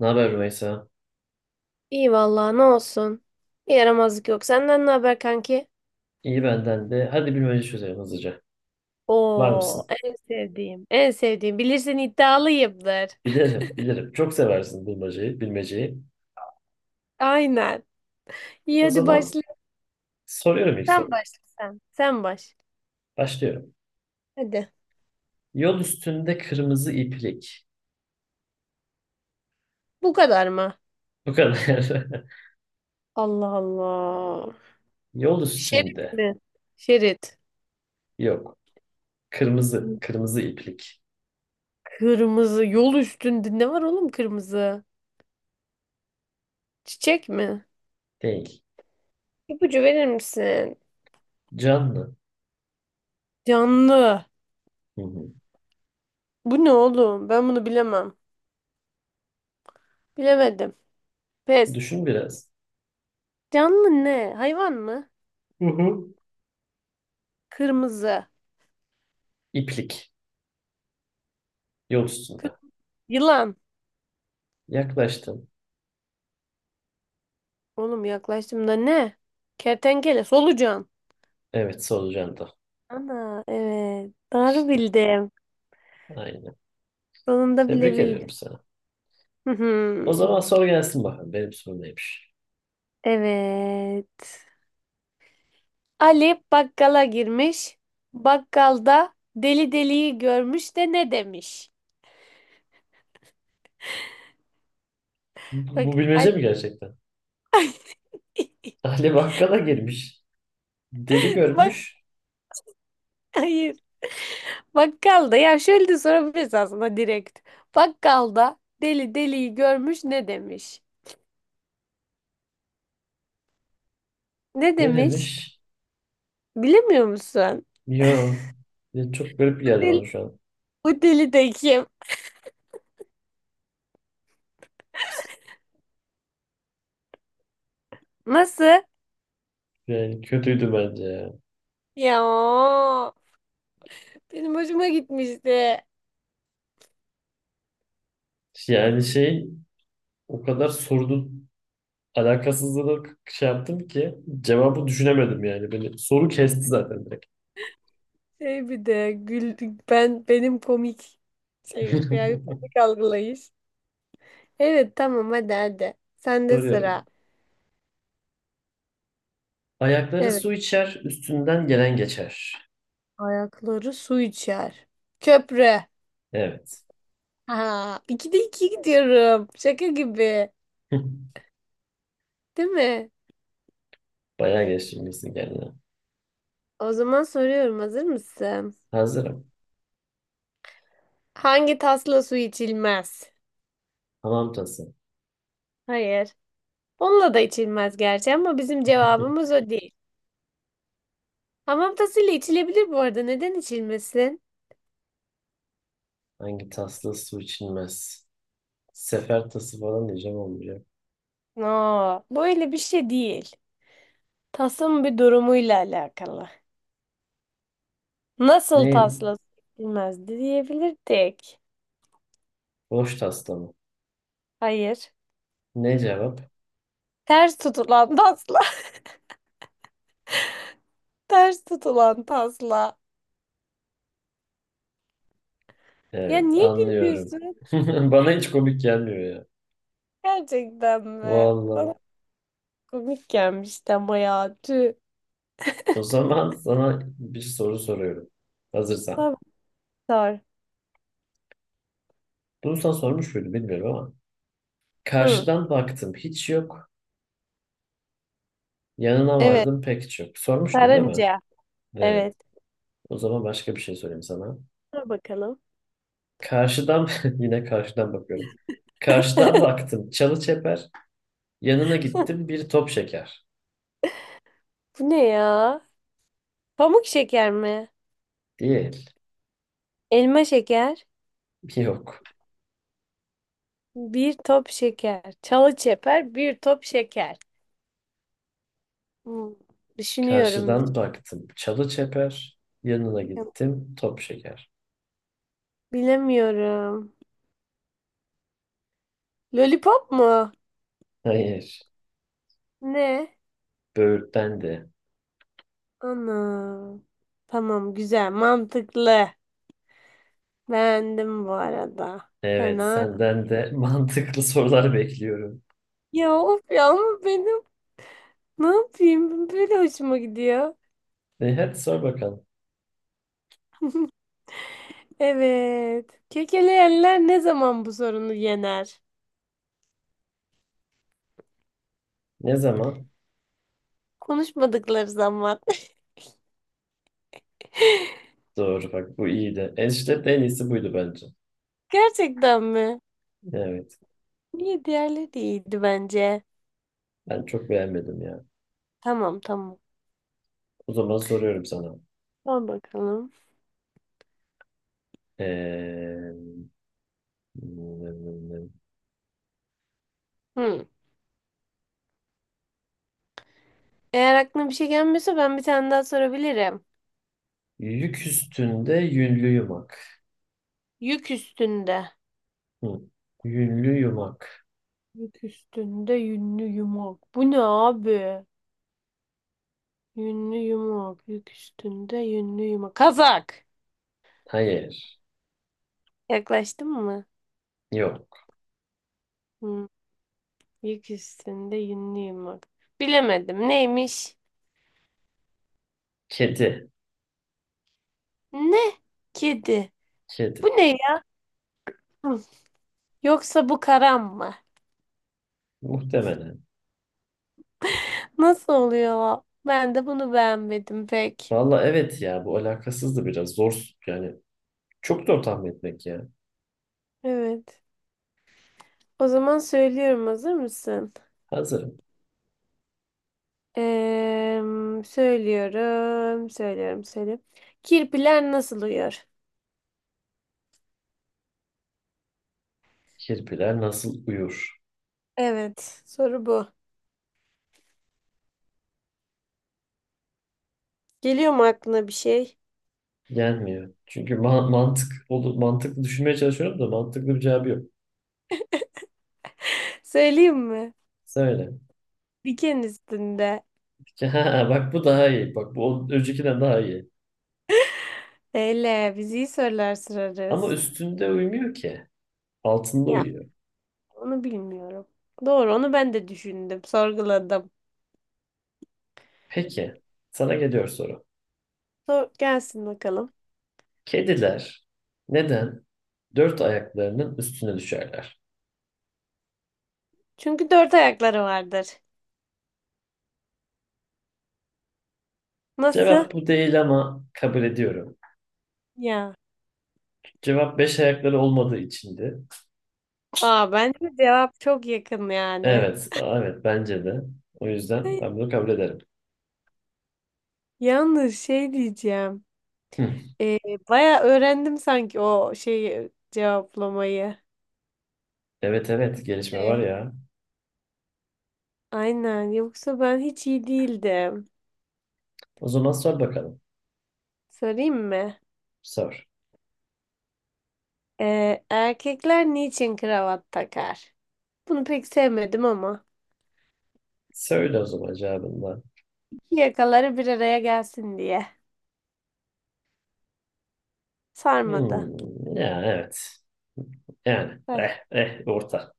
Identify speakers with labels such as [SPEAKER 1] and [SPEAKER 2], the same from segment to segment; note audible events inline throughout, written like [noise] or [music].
[SPEAKER 1] Ne haber Rümeysa?
[SPEAKER 2] İyi vallahi ne olsun. Bir Yaramazlık yok. Senden ne haber kanki?
[SPEAKER 1] İyi benden de. Hadi bilmece çözelim hızlıca. Var
[SPEAKER 2] Oo,
[SPEAKER 1] mısın?
[SPEAKER 2] en sevdiğim. En sevdiğim. Bilirsin iddialıyımdır.
[SPEAKER 1] Bilirim, bilirim. Çok seversin bilmeceyi, bilmeceyi.
[SPEAKER 2] [laughs] Aynen. İyi
[SPEAKER 1] O
[SPEAKER 2] hadi
[SPEAKER 1] zaman
[SPEAKER 2] başla.
[SPEAKER 1] soruyorum ilk
[SPEAKER 2] Sen
[SPEAKER 1] soru.
[SPEAKER 2] başla sen. Sen baş.
[SPEAKER 1] Başlıyorum.
[SPEAKER 2] Hadi.
[SPEAKER 1] Yol üstünde kırmızı iplik.
[SPEAKER 2] Bu kadar mı?
[SPEAKER 1] Bu kadar. [laughs]
[SPEAKER 2] Allah Allah.
[SPEAKER 1] Yol
[SPEAKER 2] Şerit
[SPEAKER 1] üstünde.
[SPEAKER 2] mi? Şerit.
[SPEAKER 1] Yok. Kırmızı, kırmızı iplik.
[SPEAKER 2] Kırmızı. Yol üstünde ne var oğlum kırmızı? Çiçek mi?
[SPEAKER 1] Değil.
[SPEAKER 2] İpucu verir misin?
[SPEAKER 1] Canlı.
[SPEAKER 2] Canlı.
[SPEAKER 1] Hı hı.
[SPEAKER 2] Bu ne oğlum? Ben bunu bilemem. Bilemedim. Pes.
[SPEAKER 1] Düşün biraz.
[SPEAKER 2] Canlı ne? Hayvan mı?
[SPEAKER 1] Hı hı.
[SPEAKER 2] Kırmızı.
[SPEAKER 1] İplik. Yol
[SPEAKER 2] Kır-
[SPEAKER 1] üstünde.
[SPEAKER 2] Yılan.
[SPEAKER 1] Yaklaştın.
[SPEAKER 2] Oğlum yaklaştım da ne? Kertenkele, solucan.
[SPEAKER 1] Evet, solucan da.
[SPEAKER 2] Ana evet. Doğru
[SPEAKER 1] İşte
[SPEAKER 2] bildim.
[SPEAKER 1] aynen.
[SPEAKER 2] Sonunda bile
[SPEAKER 1] Tebrik ediyorum
[SPEAKER 2] bildim.
[SPEAKER 1] sana.
[SPEAKER 2] Hı
[SPEAKER 1] O
[SPEAKER 2] hı.
[SPEAKER 1] zaman soru gelsin bakalım. Benim sorum neymiş?
[SPEAKER 2] Evet. Ali bakkala girmiş. Bakkalda deli deliyi görmüş de ne demiş?
[SPEAKER 1] Bu
[SPEAKER 2] Bak Ali
[SPEAKER 1] bilmece mi gerçekten? [laughs] Ali Bakkala girmiş. Deli
[SPEAKER 2] bak
[SPEAKER 1] görmüş.
[SPEAKER 2] [laughs] hayır. Bakkalda ya şöyle de sorabiliriz aslında direkt. Bakkalda deli deliyi görmüş ne demiş? Ne
[SPEAKER 1] Ne
[SPEAKER 2] demiş?
[SPEAKER 1] demiş?
[SPEAKER 2] Bilemiyor musun?
[SPEAKER 1] Yo. Ya çok garip
[SPEAKER 2] Bu
[SPEAKER 1] geldi
[SPEAKER 2] deli,
[SPEAKER 1] bana şu an.
[SPEAKER 2] bu deli de kim? Nasıl?
[SPEAKER 1] Yani kötüydü bence ya.
[SPEAKER 2] Ya benim hoşuma gitmişti.
[SPEAKER 1] Yani şey o kadar sorunun alakasızlığını şey yaptım ki cevabı düşünemedim yani. Beni soru kesti zaten direkt.
[SPEAKER 2] Şey bir de gül, ben benim komik şey yani
[SPEAKER 1] [laughs]
[SPEAKER 2] komik algılayış. Evet tamam hadi. Sende sıra.
[SPEAKER 1] Soruyorum. Ayakları
[SPEAKER 2] Evet.
[SPEAKER 1] su içer, üstünden gelen geçer.
[SPEAKER 2] Ayakları su içer. Köprü.
[SPEAKER 1] Evet.
[SPEAKER 2] Ha, ikide iki gidiyorum. Şaka gibi.
[SPEAKER 1] [laughs]
[SPEAKER 2] Değil mi?
[SPEAKER 1] Bayağı geçirmişsin kendine.
[SPEAKER 2] O zaman soruyorum, hazır mısın?
[SPEAKER 1] Hazırım.
[SPEAKER 2] Hangi tasla su içilmez?
[SPEAKER 1] Hamam tası.
[SPEAKER 2] Hayır. Onunla da içilmez gerçi ama bizim cevabımız o değil. Hamam tasıyla içilebilir bu arada. Neden içilmesin?
[SPEAKER 1] Hangi tasla su içilmez? Sefer tası falan diyeceğim olmayacak.
[SPEAKER 2] No, böyle bir şey değil. Tasın bir durumuyla alakalı. Nasıl
[SPEAKER 1] Neyim?
[SPEAKER 2] tasla içilmezdi diyebilirdik.
[SPEAKER 1] Boş tasla mı?
[SPEAKER 2] Hayır.
[SPEAKER 1] Ne cevap?
[SPEAKER 2] Ters tutulan tasla. [laughs] Ters tutulan tasla. Ya
[SPEAKER 1] Evet,
[SPEAKER 2] niye
[SPEAKER 1] anlıyorum.
[SPEAKER 2] gülüyorsun?
[SPEAKER 1] [laughs] Bana hiç komik gelmiyor ya.
[SPEAKER 2] Gerçekten mi? Bana
[SPEAKER 1] Vallahi.
[SPEAKER 2] komik gelmişti ama ya. Tüh.
[SPEAKER 1] O zaman sana bir soru soruyorum. Hazırsan.
[SPEAKER 2] Tabii sor.
[SPEAKER 1] Bunu sana sormuş muydum bilmiyorum ama.
[SPEAKER 2] Hı.
[SPEAKER 1] Karşıdan baktım hiç yok. Yanına
[SPEAKER 2] Evet.
[SPEAKER 1] vardım pek hiç yok. Sormuştum değil mi?
[SPEAKER 2] Karınca.
[SPEAKER 1] Evet.
[SPEAKER 2] Evet.
[SPEAKER 1] O zaman başka bir şey sorayım sana.
[SPEAKER 2] Sor bakalım.
[SPEAKER 1] Karşıdan [laughs] yine karşıdan bakıyorum. Karşıdan
[SPEAKER 2] [laughs]
[SPEAKER 1] baktım çalı çeper. Yanına gittim bir top şeker.
[SPEAKER 2] Bu ne ya? Pamuk şeker mi?
[SPEAKER 1] Değil.
[SPEAKER 2] Elma şeker.
[SPEAKER 1] Yok.
[SPEAKER 2] Bir top şeker. Çalı çeper bir top şeker. Hmm, düşünüyorum,
[SPEAKER 1] Karşıdan baktım. Çalı çeper. Yanına
[SPEAKER 2] düşünüyorum.
[SPEAKER 1] gittim. Top şeker.
[SPEAKER 2] Bilemiyorum. Lollipop mu?
[SPEAKER 1] Hayır.
[SPEAKER 2] Ne?
[SPEAKER 1] Böğürtlen de.
[SPEAKER 2] Ana. Tamam güzel mantıklı. Beğendim bu arada.
[SPEAKER 1] Evet,
[SPEAKER 2] Fena.
[SPEAKER 1] senden de [laughs] mantıklı sorular bekliyorum.
[SPEAKER 2] Ya of ya ama benim ne yapayım? Böyle hoşuma gidiyor.
[SPEAKER 1] E, hadi sor bakalım.
[SPEAKER 2] Evet. Kekeleyenler ne zaman bu sorunu yener?
[SPEAKER 1] Ne zaman?
[SPEAKER 2] Konuşmadıkları zaman.
[SPEAKER 1] Doğru bak bu iyiydi. Enişte de en iyisi buydu bence.
[SPEAKER 2] Gerçekten mi?
[SPEAKER 1] Evet.
[SPEAKER 2] Niye diğerleri de iyiydi bence.
[SPEAKER 1] Ben çok beğenmedim ya.
[SPEAKER 2] Tamam.
[SPEAKER 1] O zaman soruyorum sana.
[SPEAKER 2] Al bakalım.
[SPEAKER 1] Ee,
[SPEAKER 2] Hı. Eğer aklına bir şey gelmiyorsa ben bir tane daha sorabilirim.
[SPEAKER 1] yük üstünde yünlü yumak.
[SPEAKER 2] Yük üstünde.
[SPEAKER 1] Hı. Yünlü yumak.
[SPEAKER 2] Yük üstünde yünlü yumak. Bu ne abi? Yünlü yumak. Yük üstünde yünlü yumak. Kazak.
[SPEAKER 1] Hayır.
[SPEAKER 2] Yaklaştın mı?
[SPEAKER 1] Yok.
[SPEAKER 2] Hı. Yük üstünde yünlü yumak. Bilemedim. Neymiş?
[SPEAKER 1] Kedi.
[SPEAKER 2] Ne? Kedi. Bu
[SPEAKER 1] Kedi.
[SPEAKER 2] ne ya? Yoksa bu karam mı?
[SPEAKER 1] Muhtemelen.
[SPEAKER 2] Nasıl oluyor? Ben de bunu beğenmedim pek.
[SPEAKER 1] Valla evet ya bu alakasız da biraz zor yani çok zor tahmin etmek ya.
[SPEAKER 2] Evet. O zaman söylüyorum. Hazır mısın?
[SPEAKER 1] Hazırım.
[SPEAKER 2] Eee, söylüyorum, söylüyorum, söylüyorum. Kirpiler nasıl uyuyor?
[SPEAKER 1] Kirpiler nasıl uyur?
[SPEAKER 2] Evet, soru bu. Geliyor mu aklına bir şey?
[SPEAKER 1] Gelmiyor. Çünkü mantık olur mantıklı düşünmeye çalışıyorum da mantıklı bir cevabı yok.
[SPEAKER 2] [laughs] Söyleyeyim mi?
[SPEAKER 1] Söyle. [laughs]
[SPEAKER 2] Diken üstünde.
[SPEAKER 1] Ha, bak bu daha iyi. Bak bu öncekinden daha iyi.
[SPEAKER 2] Eyle, biz iyi sorular
[SPEAKER 1] Ama
[SPEAKER 2] sorarız.
[SPEAKER 1] üstünde uyumuyor ki. Altında
[SPEAKER 2] Ya,
[SPEAKER 1] uyuyor.
[SPEAKER 2] onu bilmiyorum. Doğru, onu ben de düşündüm, sorguladım.
[SPEAKER 1] Peki. Sana geliyor soru.
[SPEAKER 2] Sor, gelsin bakalım.
[SPEAKER 1] Kediler neden dört ayaklarının üstüne düşerler?
[SPEAKER 2] Çünkü dört ayakları vardır. Nasıl?
[SPEAKER 1] Cevap bu değil ama kabul ediyorum.
[SPEAKER 2] Ya.
[SPEAKER 1] Cevap beş ayakları olmadığı içindi.
[SPEAKER 2] Aa, bence cevap çok yakın yani.
[SPEAKER 1] Evet, evet bence de. O yüzden
[SPEAKER 2] Ay,
[SPEAKER 1] ben bunu kabul ederim.
[SPEAKER 2] yalnız şey diyeceğim.
[SPEAKER 1] Hı.
[SPEAKER 2] Ee, baya öğrendim sanki o şeyi cevaplamayı.
[SPEAKER 1] Evet evet gelişme var
[SPEAKER 2] Ee,
[SPEAKER 1] ya.
[SPEAKER 2] Aynen. Yoksa ben hiç iyi değildim.
[SPEAKER 1] O zaman sor bakalım.
[SPEAKER 2] Sorayım mı?
[SPEAKER 1] Sor.
[SPEAKER 2] Erkekler niçin kravat takar? Bunu pek sevmedim ama.
[SPEAKER 1] Söyle o zaman cevabını. Da.
[SPEAKER 2] İki yakaları bir araya gelsin diye. Sarmadı.
[SPEAKER 1] Hmm, ya evet. Yani
[SPEAKER 2] Ay,
[SPEAKER 1] eh eh orta.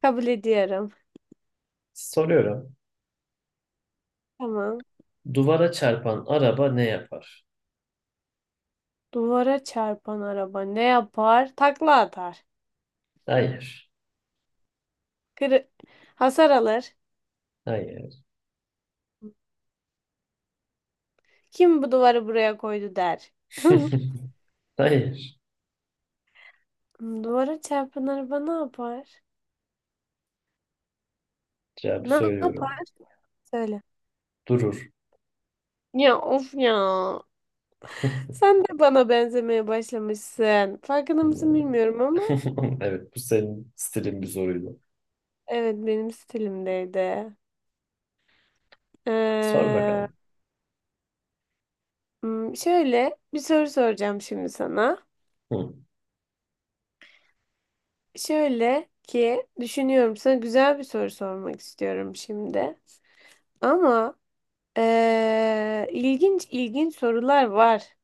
[SPEAKER 2] kabul ediyorum.
[SPEAKER 1] Soruyorum.
[SPEAKER 2] Tamam.
[SPEAKER 1] Duvara çarpan araba ne yapar?
[SPEAKER 2] Duvara çarpan araba ne yapar? Takla atar.
[SPEAKER 1] Hayır.
[SPEAKER 2] Kırı- Hasar alır.
[SPEAKER 1] Hayır.
[SPEAKER 2] Kim bu duvarı buraya koydu der. [laughs]
[SPEAKER 1] [laughs] Hayır.
[SPEAKER 2] Duvara çarpan araba ne yapar?
[SPEAKER 1] Cevabı
[SPEAKER 2] Ne
[SPEAKER 1] söylüyorum.
[SPEAKER 2] yapar? Söyle.
[SPEAKER 1] Durur.
[SPEAKER 2] Ya of ya.
[SPEAKER 1] [laughs]
[SPEAKER 2] Sen de bana benzemeye başlamışsın. Farkında mısın bilmiyorum ama
[SPEAKER 1] Evet bu senin stilin bir soruydu.
[SPEAKER 2] evet benim stilimdeydi.
[SPEAKER 1] Sor
[SPEAKER 2] Ee,
[SPEAKER 1] bakalım.
[SPEAKER 2] şöyle bir soru soracağım şimdi sana.
[SPEAKER 1] Hı.
[SPEAKER 2] Şöyle ki düşünüyorum sana güzel bir soru sormak istiyorum şimdi. Ama ilginç ilginç sorular var.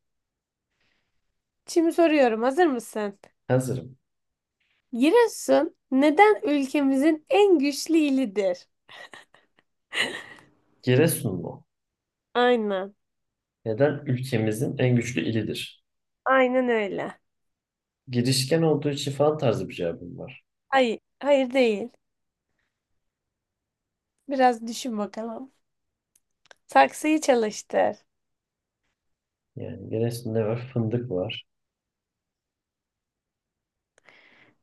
[SPEAKER 2] Şimdi soruyorum, hazır mısın?
[SPEAKER 1] Hazırım.
[SPEAKER 2] Giresun neden ülkemizin en güçlü ilidir?
[SPEAKER 1] Giresun mu?
[SPEAKER 2] Aynen.
[SPEAKER 1] Neden ülkemizin en güçlü ilidir?
[SPEAKER 2] Aynen öyle.
[SPEAKER 1] Girişken olduğu için falan tarzı bir cevabım var.
[SPEAKER 2] Hayır, hayır değil. Biraz düşün bakalım. Saksıyı çalıştır.
[SPEAKER 1] Yani Giresun'da var? Fındık var.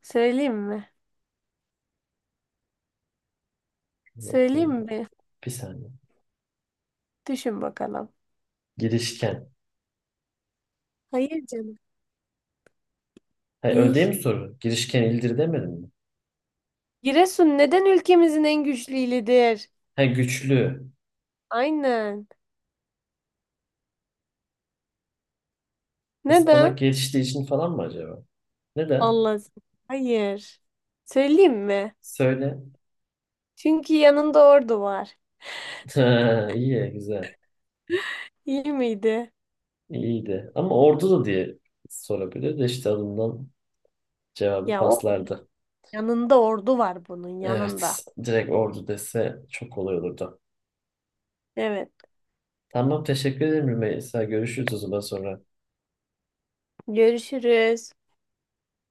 [SPEAKER 2] Söyleyeyim mi? Söyleyeyim
[SPEAKER 1] Bakayım.
[SPEAKER 2] mi?
[SPEAKER 1] Bir saniye.
[SPEAKER 2] Düşün bakalım.
[SPEAKER 1] Girişken.
[SPEAKER 2] Hayır canım.
[SPEAKER 1] Ha, öyle
[SPEAKER 2] Değil.
[SPEAKER 1] değil mi soru? Girişken ildir demedim mi?
[SPEAKER 2] Giresun neden ülkemizin en güçlü ilidir?
[SPEAKER 1] Ha, güçlü.
[SPEAKER 2] Aynen.
[SPEAKER 1] Ispanak
[SPEAKER 2] Neden?
[SPEAKER 1] geliştiği için falan mı acaba? Neden?
[SPEAKER 2] Allah. Hayır. Söyleyeyim mi?
[SPEAKER 1] Söyle.
[SPEAKER 2] Çünkü yanında ordu var.
[SPEAKER 1] [laughs] Ha, iyi, güzel.
[SPEAKER 2] İyi miydi?
[SPEAKER 1] İyiydi. Ama ordu da diye sorabilir de işte alından cevabı
[SPEAKER 2] Ya o.
[SPEAKER 1] paslardı.
[SPEAKER 2] Yanında ordu var bunun yanında.
[SPEAKER 1] Evet. Direkt ordu dese çok kolay olurdu.
[SPEAKER 2] Evet.
[SPEAKER 1] Tamam teşekkür ederim Rümeysa. Görüşürüz o zaman sonra.
[SPEAKER 2] Görüşürüz.